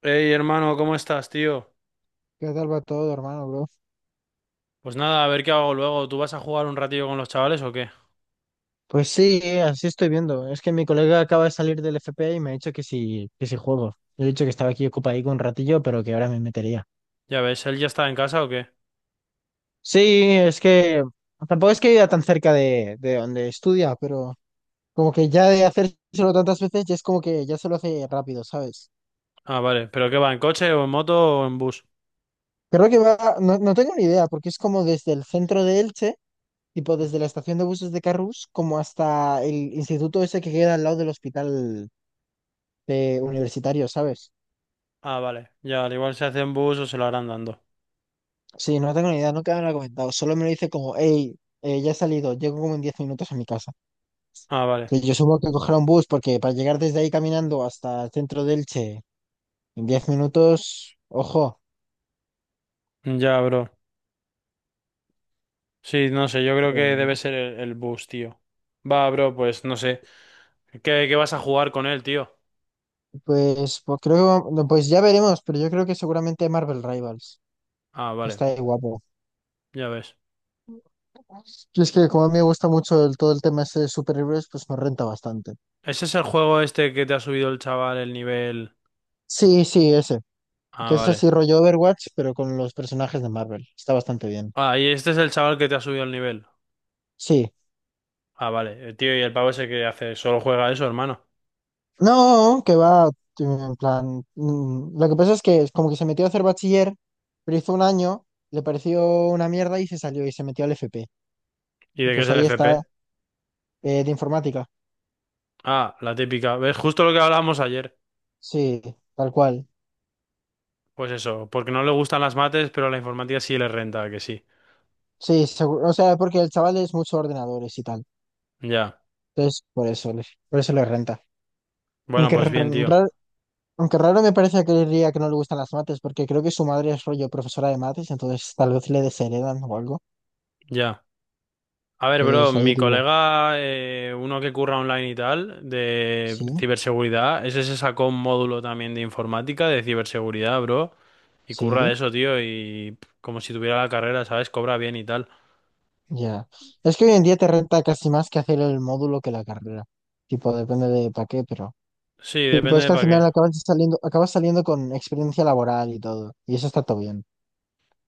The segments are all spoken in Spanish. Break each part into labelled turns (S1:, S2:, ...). S1: Hey, hermano, ¿cómo estás, tío?
S2: ¿Qué tal va todo, hermano, bro?
S1: Pues nada, a ver qué hago luego. ¿Tú vas a jugar un ratillo con los chavales o qué?
S2: Pues sí, así estoy viendo. Es que mi colega acaba de salir del FP y me ha dicho que sí juego. Le he dicho que estaba aquí ocupadico un ratillo, pero que ahora me metería.
S1: Ya ves, ¿él ya está en casa o qué?
S2: Sí, es que tampoco es que viva tan cerca de donde estudia, pero como que ya de hacérselo tantas veces ya es como que ya se lo hace rápido, ¿sabes?
S1: Ah, vale. ¿Pero qué va, en coche o en moto o en bus?
S2: Creo que va, no tengo ni idea, porque es como desde el centro de Elche, tipo desde la estación de buses de Carrús, como hasta el instituto ese que queda al lado del hospital universitario, ¿sabes?
S1: Ah, vale. Ya, al igual se hace en bus o se lo harán dando.
S2: Sí, no tengo ni idea, nunca me lo ha comentado. Solo me lo dice como, hey, ya he salido, llego como en 10 minutos a mi casa.
S1: Ah, vale.
S2: Que yo supongo que coger un bus, porque para llegar desde ahí caminando hasta el centro de Elche en 10 minutos, ojo.
S1: Ya, bro. Sí, no sé, yo creo que debe
S2: Pero,
S1: ser el bus, tío. Va, bro, pues no sé. ¿Qué vas a jugar con él, tío?
S2: pues creo que no, pues ya veremos, pero yo creo que seguramente Marvel Rivals.
S1: Ah, vale.
S2: Está ahí guapo.
S1: Ya ves.
S2: Y es que como a mí me gusta mucho el- todo el tema ese de superhéroes, pues me renta bastante.
S1: ¿Ese es el juego este que te ha subido el chaval el nivel?
S2: Sí, sí, ese.
S1: Ah,
S2: Que es
S1: vale.
S2: así rollo Overwatch, pero con los personajes de Marvel. Está bastante bien.
S1: Ah, y este es el chaval que te ha subido el nivel.
S2: Sí.
S1: Ah, vale. El tío, ¿y el pavo ese que hace? Solo juega eso, hermano.
S2: No, que va, en plan, lo que pasa es que es como que se metió a hacer bachiller, pero hizo un año, le pareció una mierda y se salió y se metió al FP.
S1: ¿Y
S2: Y
S1: de qué es
S2: pues
S1: el
S2: ahí
S1: FP?
S2: está, de informática.
S1: Ah, la típica. ¿Ves? Justo lo que hablábamos ayer.
S2: Sí, tal cual.
S1: Pues eso, porque no le gustan las mates, pero la informática sí le renta, que sí.
S2: Sí, seguro, o sea, porque el chaval es mucho ordenadores y tal.
S1: Ya.
S2: Entonces, por eso le renta.
S1: Bueno,
S2: Aunque
S1: pues bien, tío.
S2: raro, aunque raro me parece que diría que no le gustan las mates, porque creo que su madre es rollo profesora de mates, entonces tal vez le desheredan o algo.
S1: Ya. A ver, bro,
S2: Entonces ahí
S1: mi
S2: digo,
S1: colega, uno que curra online y tal, de
S2: sí,
S1: ciberseguridad, ese se sacó un módulo también de informática, de ciberseguridad, bro. Y curra de
S2: sí.
S1: eso, tío, y pff, como si tuviera la carrera, ¿sabes? Cobra bien y tal.
S2: Ya. Es que hoy en día te renta casi más que hacer el módulo que la carrera. Tipo, depende de para qué, pero.
S1: Sí,
S2: Tipo,
S1: depende
S2: es
S1: de
S2: que al
S1: para qué.
S2: final acabas saliendo con experiencia laboral y todo. Y eso está todo bien.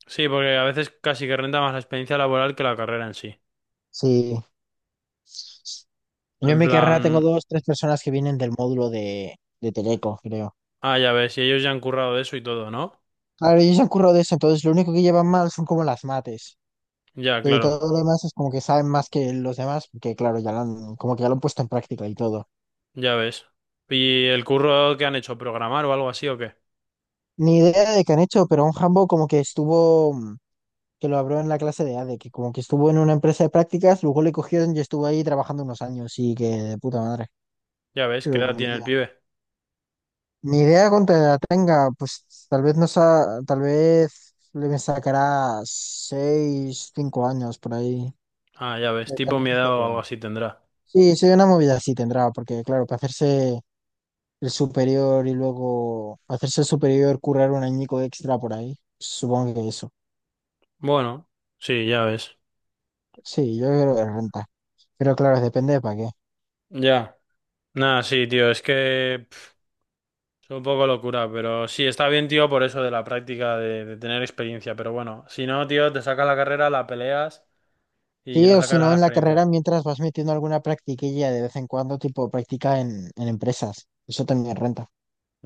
S1: Sí, porque a veces casi que renta más la experiencia laboral que la carrera en sí.
S2: Sí. Yo en
S1: En
S2: mi carrera
S1: plan,
S2: tengo dos, tres personas que vienen del módulo de Teleco, creo.
S1: ah, ya ves, y ellos ya han currado de eso y todo, ¿no?
S2: Claro, ellos se han currado de eso, entonces lo único que llevan mal son como las mates.
S1: Ya,
S2: Y
S1: claro,
S2: todo lo demás es como que saben más que los demás, porque claro, ya lo han, como que ya lo han puesto en práctica y todo.
S1: ya ves. ¿Y el curro que han hecho? ¿Programar o algo así o qué?
S2: Ni idea de qué han hecho, pero un Hambo como que estuvo. Que lo habló en la clase de A ADE, que como que estuvo en una empresa de prácticas, luego le cogieron y estuvo ahí trabajando unos años y que de puta madre.
S1: Ya ves, ¿qué
S2: Pero
S1: edad
S2: ni
S1: tiene el
S2: idea.
S1: pibe?
S2: Ni idea cuánto edad tenga, pues tal vez no sa- tal vez le sacará 6, 5 años por ahí.
S1: Ah, ya ves,
S2: Tal
S1: tipo mi
S2: vez
S1: edad
S2: esté
S1: o algo
S2: cuerda.
S1: así tendrá.
S2: Sí, sí, una movida sí tendrá, porque claro, para hacerse el superior y luego hacerse el superior, currar un añico extra por ahí, supongo que eso.
S1: Bueno, sí, ya ves.
S2: Sí, yo creo que renta. Pero claro, depende de para qué.
S1: Ya. Nada, sí, tío, es que pf, es un poco locura, pero sí, está bien, tío, por eso de la práctica, de tener experiencia, pero bueno, si no, tío, te sacas la carrera, la peleas y
S2: Sí,
S1: ya
S2: o si
S1: sacarás
S2: no,
S1: la
S2: en la carrera
S1: experiencia.
S2: mientras vas metiendo alguna practiquilla de vez en cuando, tipo práctica en empresas. Eso también renta.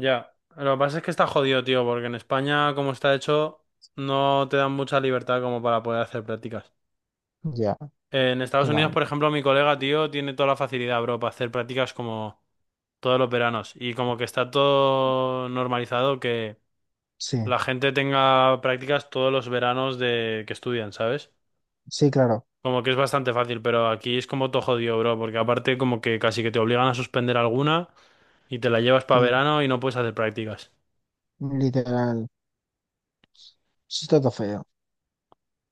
S1: Ya, lo que pasa es que está jodido, tío, porque en España, como está hecho, no te dan mucha libertad como para poder hacer prácticas.
S2: Ya,
S1: En Estados
S2: qué
S1: Unidos,
S2: mal.
S1: por ejemplo, mi colega, tío, tiene toda la facilidad, bro, para hacer prácticas como todos los veranos. Y como que está todo normalizado que
S2: Sí,
S1: la gente tenga prácticas todos los veranos de que estudian, ¿sabes?
S2: sí, claro.
S1: Como que es bastante fácil, pero aquí es como todo jodido, bro, porque aparte como que casi que te obligan a suspender alguna y te la llevas
S2: Sí,
S1: para verano y no puedes hacer prácticas.
S2: literal. Eso está todo feo.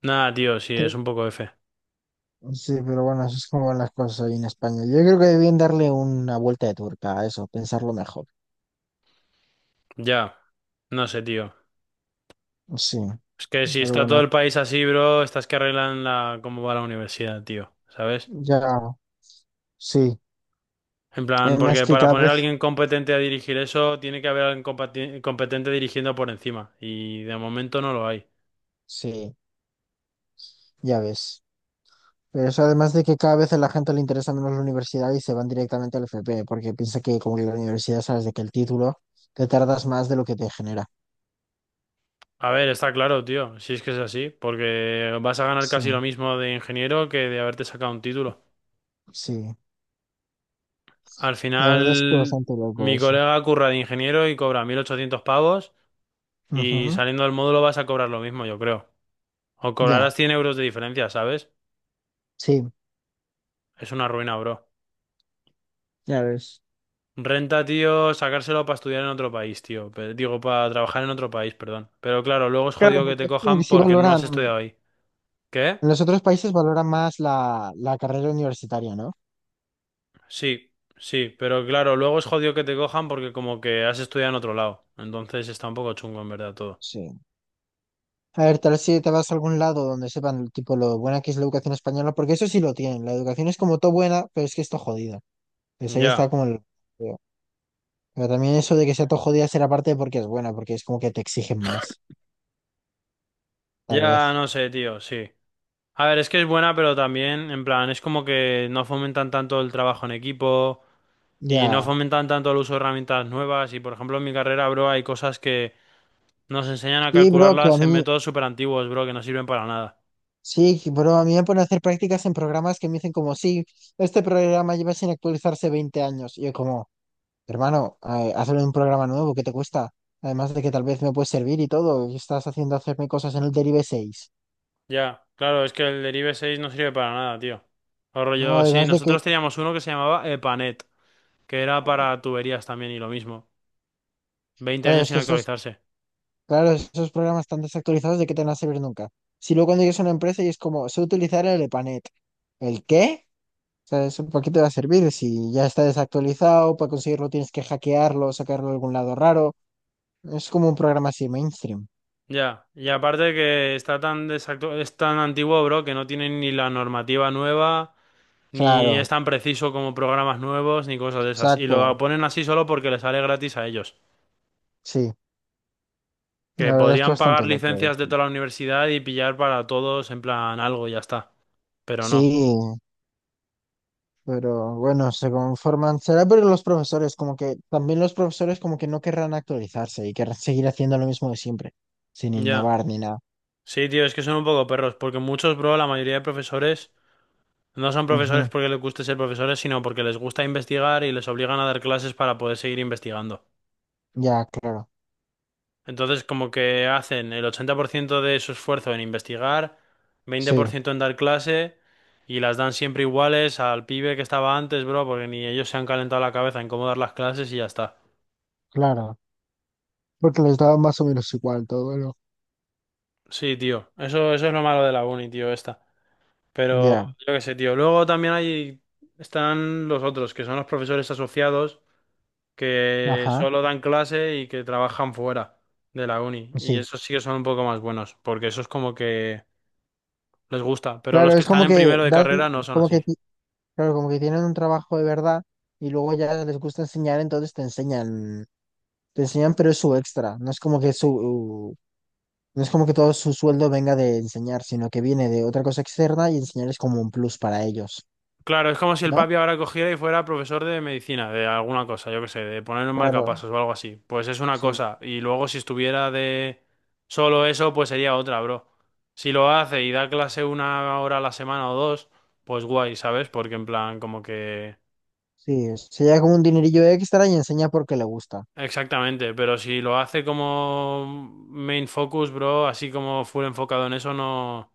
S1: Nada, tío, sí, es
S2: Te-
S1: un poco F.
S2: Sí, pero bueno, eso es como van las cosas ahí en España. Yo creo que debían darle una vuelta de turca a eso, pensarlo mejor.
S1: Ya, no sé, tío.
S2: Sí,
S1: Es que si
S2: pero
S1: está todo
S2: bueno,
S1: el país así, bro, estás que arreglan la cómo va la universidad, tío, ¿sabes?
S2: ya, sí.
S1: En plan,
S2: Además
S1: porque
S2: que
S1: para
S2: cada
S1: poner a
S2: vez,
S1: alguien competente a dirigir eso, tiene que haber alguien competente dirigiendo por encima. Y de momento no lo hay.
S2: sí, ya ves. Pero eso además de que cada vez a la gente le interesa menos la universidad y se van directamente al FP, porque piensa que como que la universidad sabes de que el título te tardas más de lo que te genera.
S1: A ver, está claro, tío, si es que es así, porque vas a ganar
S2: Sí,
S1: casi lo mismo de ingeniero que de haberte sacado un título.
S2: sí.
S1: Al
S2: La verdad es que
S1: final,
S2: bastante loco
S1: mi
S2: eso.
S1: colega curra de ingeniero y cobra 1800 pavos y
S2: Ujú.
S1: saliendo del módulo vas a cobrar lo mismo, yo creo. O
S2: Ya,
S1: cobrarás 100 euros de diferencia, ¿sabes?
S2: sí,
S1: Es una ruina, bro.
S2: ya ves.
S1: Renta, tío, sacárselo para estudiar en otro país, tío. Pe- Digo, para trabajar en otro país, perdón. Pero claro, luego es
S2: Claro,
S1: jodido que te
S2: porque es como que
S1: cojan
S2: sí
S1: porque no has
S2: valoran,
S1: estudiado ahí. ¿Qué?
S2: en los otros países valoran más la, la carrera universitaria, ¿no?
S1: Sí, sí, pero claro, luego es jodido que te cojan porque como que has estudiado en otro lado. Entonces está un poco chungo, en verdad, todo.
S2: Sí. A ver, tal vez si te vas a algún lado donde sepan tipo lo buena que es la educación española, porque eso sí lo tienen. La educación es como todo buena, pero es que esto jodida. Entonces ahí está
S1: Ya,
S2: como el... Pero también eso de que sea todo jodida será parte porque es buena, porque es como que te exigen más, tal
S1: ya
S2: vez.
S1: no sé, tío, sí. A ver, es que es buena, pero también, en plan, es como que no fomentan tanto el trabajo en equipo. Y no
S2: Ya.
S1: fomentan tanto el uso de herramientas nuevas. Y por ejemplo, en mi carrera, bro, hay cosas que nos enseñan a
S2: Sí, bro, que a
S1: calcularlas en
S2: mí,
S1: métodos súper antiguos, bro, que no sirven para nada.
S2: sí, bro, a mí me ponen a hacer prácticas en programas que me dicen como, sí, este programa lleva sin actualizarse 20 años. Y yo como, hermano, hazlo en un programa nuevo, ¿qué te cuesta? Además de que tal vez me puede servir y todo, y estás haciendo hacerme cosas en el Derive 6.
S1: Ya, claro, es que el derive 6 no sirve para nada, tío. O
S2: No,
S1: rollo, sí,
S2: además de que,
S1: nosotros teníamos uno que se llamaba EPANET, que era para tuberías también y lo mismo. 20
S2: claro,
S1: años
S2: es
S1: sin
S2: que esos,
S1: actualizarse.
S2: claro, esos programas están desactualizados, ¿de qué te van a servir nunca? Si luego cuando llegas a una empresa y es como, sé utilizar el EPANET. ¿El qué? Sea, eso, ¿para qué te va a servir? Si ya está desactualizado, para conseguirlo tienes que hackearlo, sacarlo de algún lado raro. Es como un programa así mainstream.
S1: Ya, y aparte que está tan es tan antiguo, bro, que no tiene ni la normativa nueva, ni es
S2: Claro,
S1: tan preciso como programas nuevos, ni cosas de esas. Y lo
S2: exacto.
S1: ponen así solo porque les sale gratis a ellos.
S2: Sí,
S1: Que
S2: la verdad es que
S1: podrían pagar
S2: bastante loco.
S1: licencias de toda la universidad y pillar para todos en plan algo, y ya está. Pero
S2: Sí,
S1: no.
S2: pero bueno, se conforman. Será pero los profesores, como que también los profesores como que no querrán actualizarse y querrán seguir haciendo lo mismo de siempre, sin
S1: Ya.
S2: innovar ni nada.
S1: Sí, tío, es que son un poco perros, porque muchos, bro, la mayoría de profesores no son
S2: Ujú.
S1: profesores porque les guste ser profesores, sino porque les gusta investigar y les obligan a dar clases para poder seguir investigando.
S2: Ya, claro.
S1: Entonces, como que hacen el 80% de su esfuerzo en investigar,
S2: Sí,
S1: 20% en dar clase, y las dan siempre iguales al pibe que estaba antes, bro, porque ni ellos se han calentado la cabeza en cómo dar las clases y ya está.
S2: claro. Porque les daba más o menos igual todo, ¿no?
S1: Sí, tío. Eso es lo malo de la uni, tío, esta. Pero
S2: Ya,
S1: yo qué sé, tío. Luego también hay, están los otros, que son los profesores asociados, que
S2: ajá,
S1: solo dan clase y que trabajan fuera de la uni. Y
S2: sí.
S1: esos sí que son un poco más buenos, porque eso es como que les gusta. Pero
S2: Claro,
S1: los que
S2: es
S1: están
S2: como
S1: en
S2: que
S1: primero de
S2: dan,
S1: carrera no son
S2: como que,
S1: así.
S2: ti- Claro, como que tienen un trabajo de verdad y luego ya les gusta enseñar, entonces te enseñan, pero es su extra. No es como que su, no es como que todo su sueldo venga de enseñar, sino que viene de otra cosa externa y enseñar es como un plus para ellos,
S1: Claro, es como si el
S2: ¿no?
S1: papi ahora cogiera y fuera profesor de medicina, de alguna cosa, yo qué sé, de poner un
S2: Claro,
S1: marcapasos o algo así. Pues es una
S2: sí,
S1: cosa. Y luego si estuviera de solo eso, pues sería otra, bro. Si lo hace y da clase una hora a la semana o dos, pues guay, ¿sabes? Porque en plan, como que...
S2: sí, se lleva como un dinerillo extra y enseña porque le gusta,
S1: Exactamente, pero si lo hace como main focus, bro, así como full enfocado en eso, no...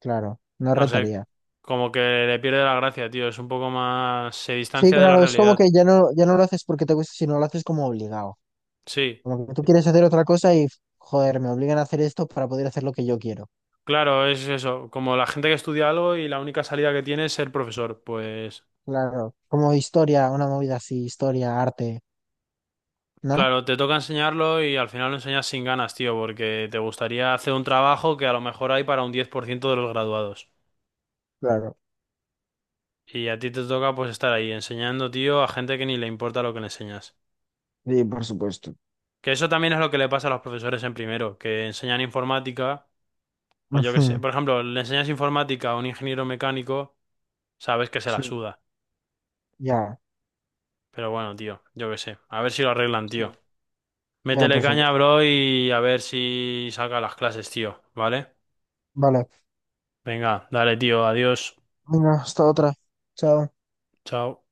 S2: claro, no
S1: No sé,
S2: rentaría.
S1: como que le pierde la gracia, tío. Es un poco más... Se
S2: Sí,
S1: distancia de la
S2: claro, es como
S1: realidad.
S2: que ya no lo haces porque te gusta, sino lo haces como obligado.
S1: Sí.
S2: Como que tú quieres hacer otra cosa y, joder, me obligan a hacer esto para poder hacer lo que yo quiero.
S1: Claro, es eso, como la gente que estudia algo y la única salida que tiene es ser profesor, pues
S2: Claro, como historia, una movida así, historia, arte, ¿no?
S1: claro, te toca enseñarlo y al final lo enseñas sin ganas, tío, porque te gustaría hacer un trabajo que a lo mejor hay para un 10% de los graduados.
S2: Claro,
S1: Y a ti te toca pues estar ahí enseñando, tío, a gente que ni le importa lo que le enseñas.
S2: sí, por supuesto.
S1: Que eso también es lo que le pasa a los profesores en primero, que enseñan informática, o yo qué sé,
S2: Ujú.
S1: por ejemplo, le enseñas informática a un ingeniero mecánico, sabes que se la
S2: Sí,
S1: suda.
S2: ya,
S1: Pero bueno, tío, yo qué sé, a ver si lo arreglan, tío.
S2: sí, ya,
S1: Métele
S2: por
S1: caña,
S2: supuesto.
S1: bro, y a ver si saca las clases, tío, ¿vale?
S2: Vale,
S1: Venga, dale, tío, adiós.
S2: venga, hasta otra. Chao.
S1: Chao.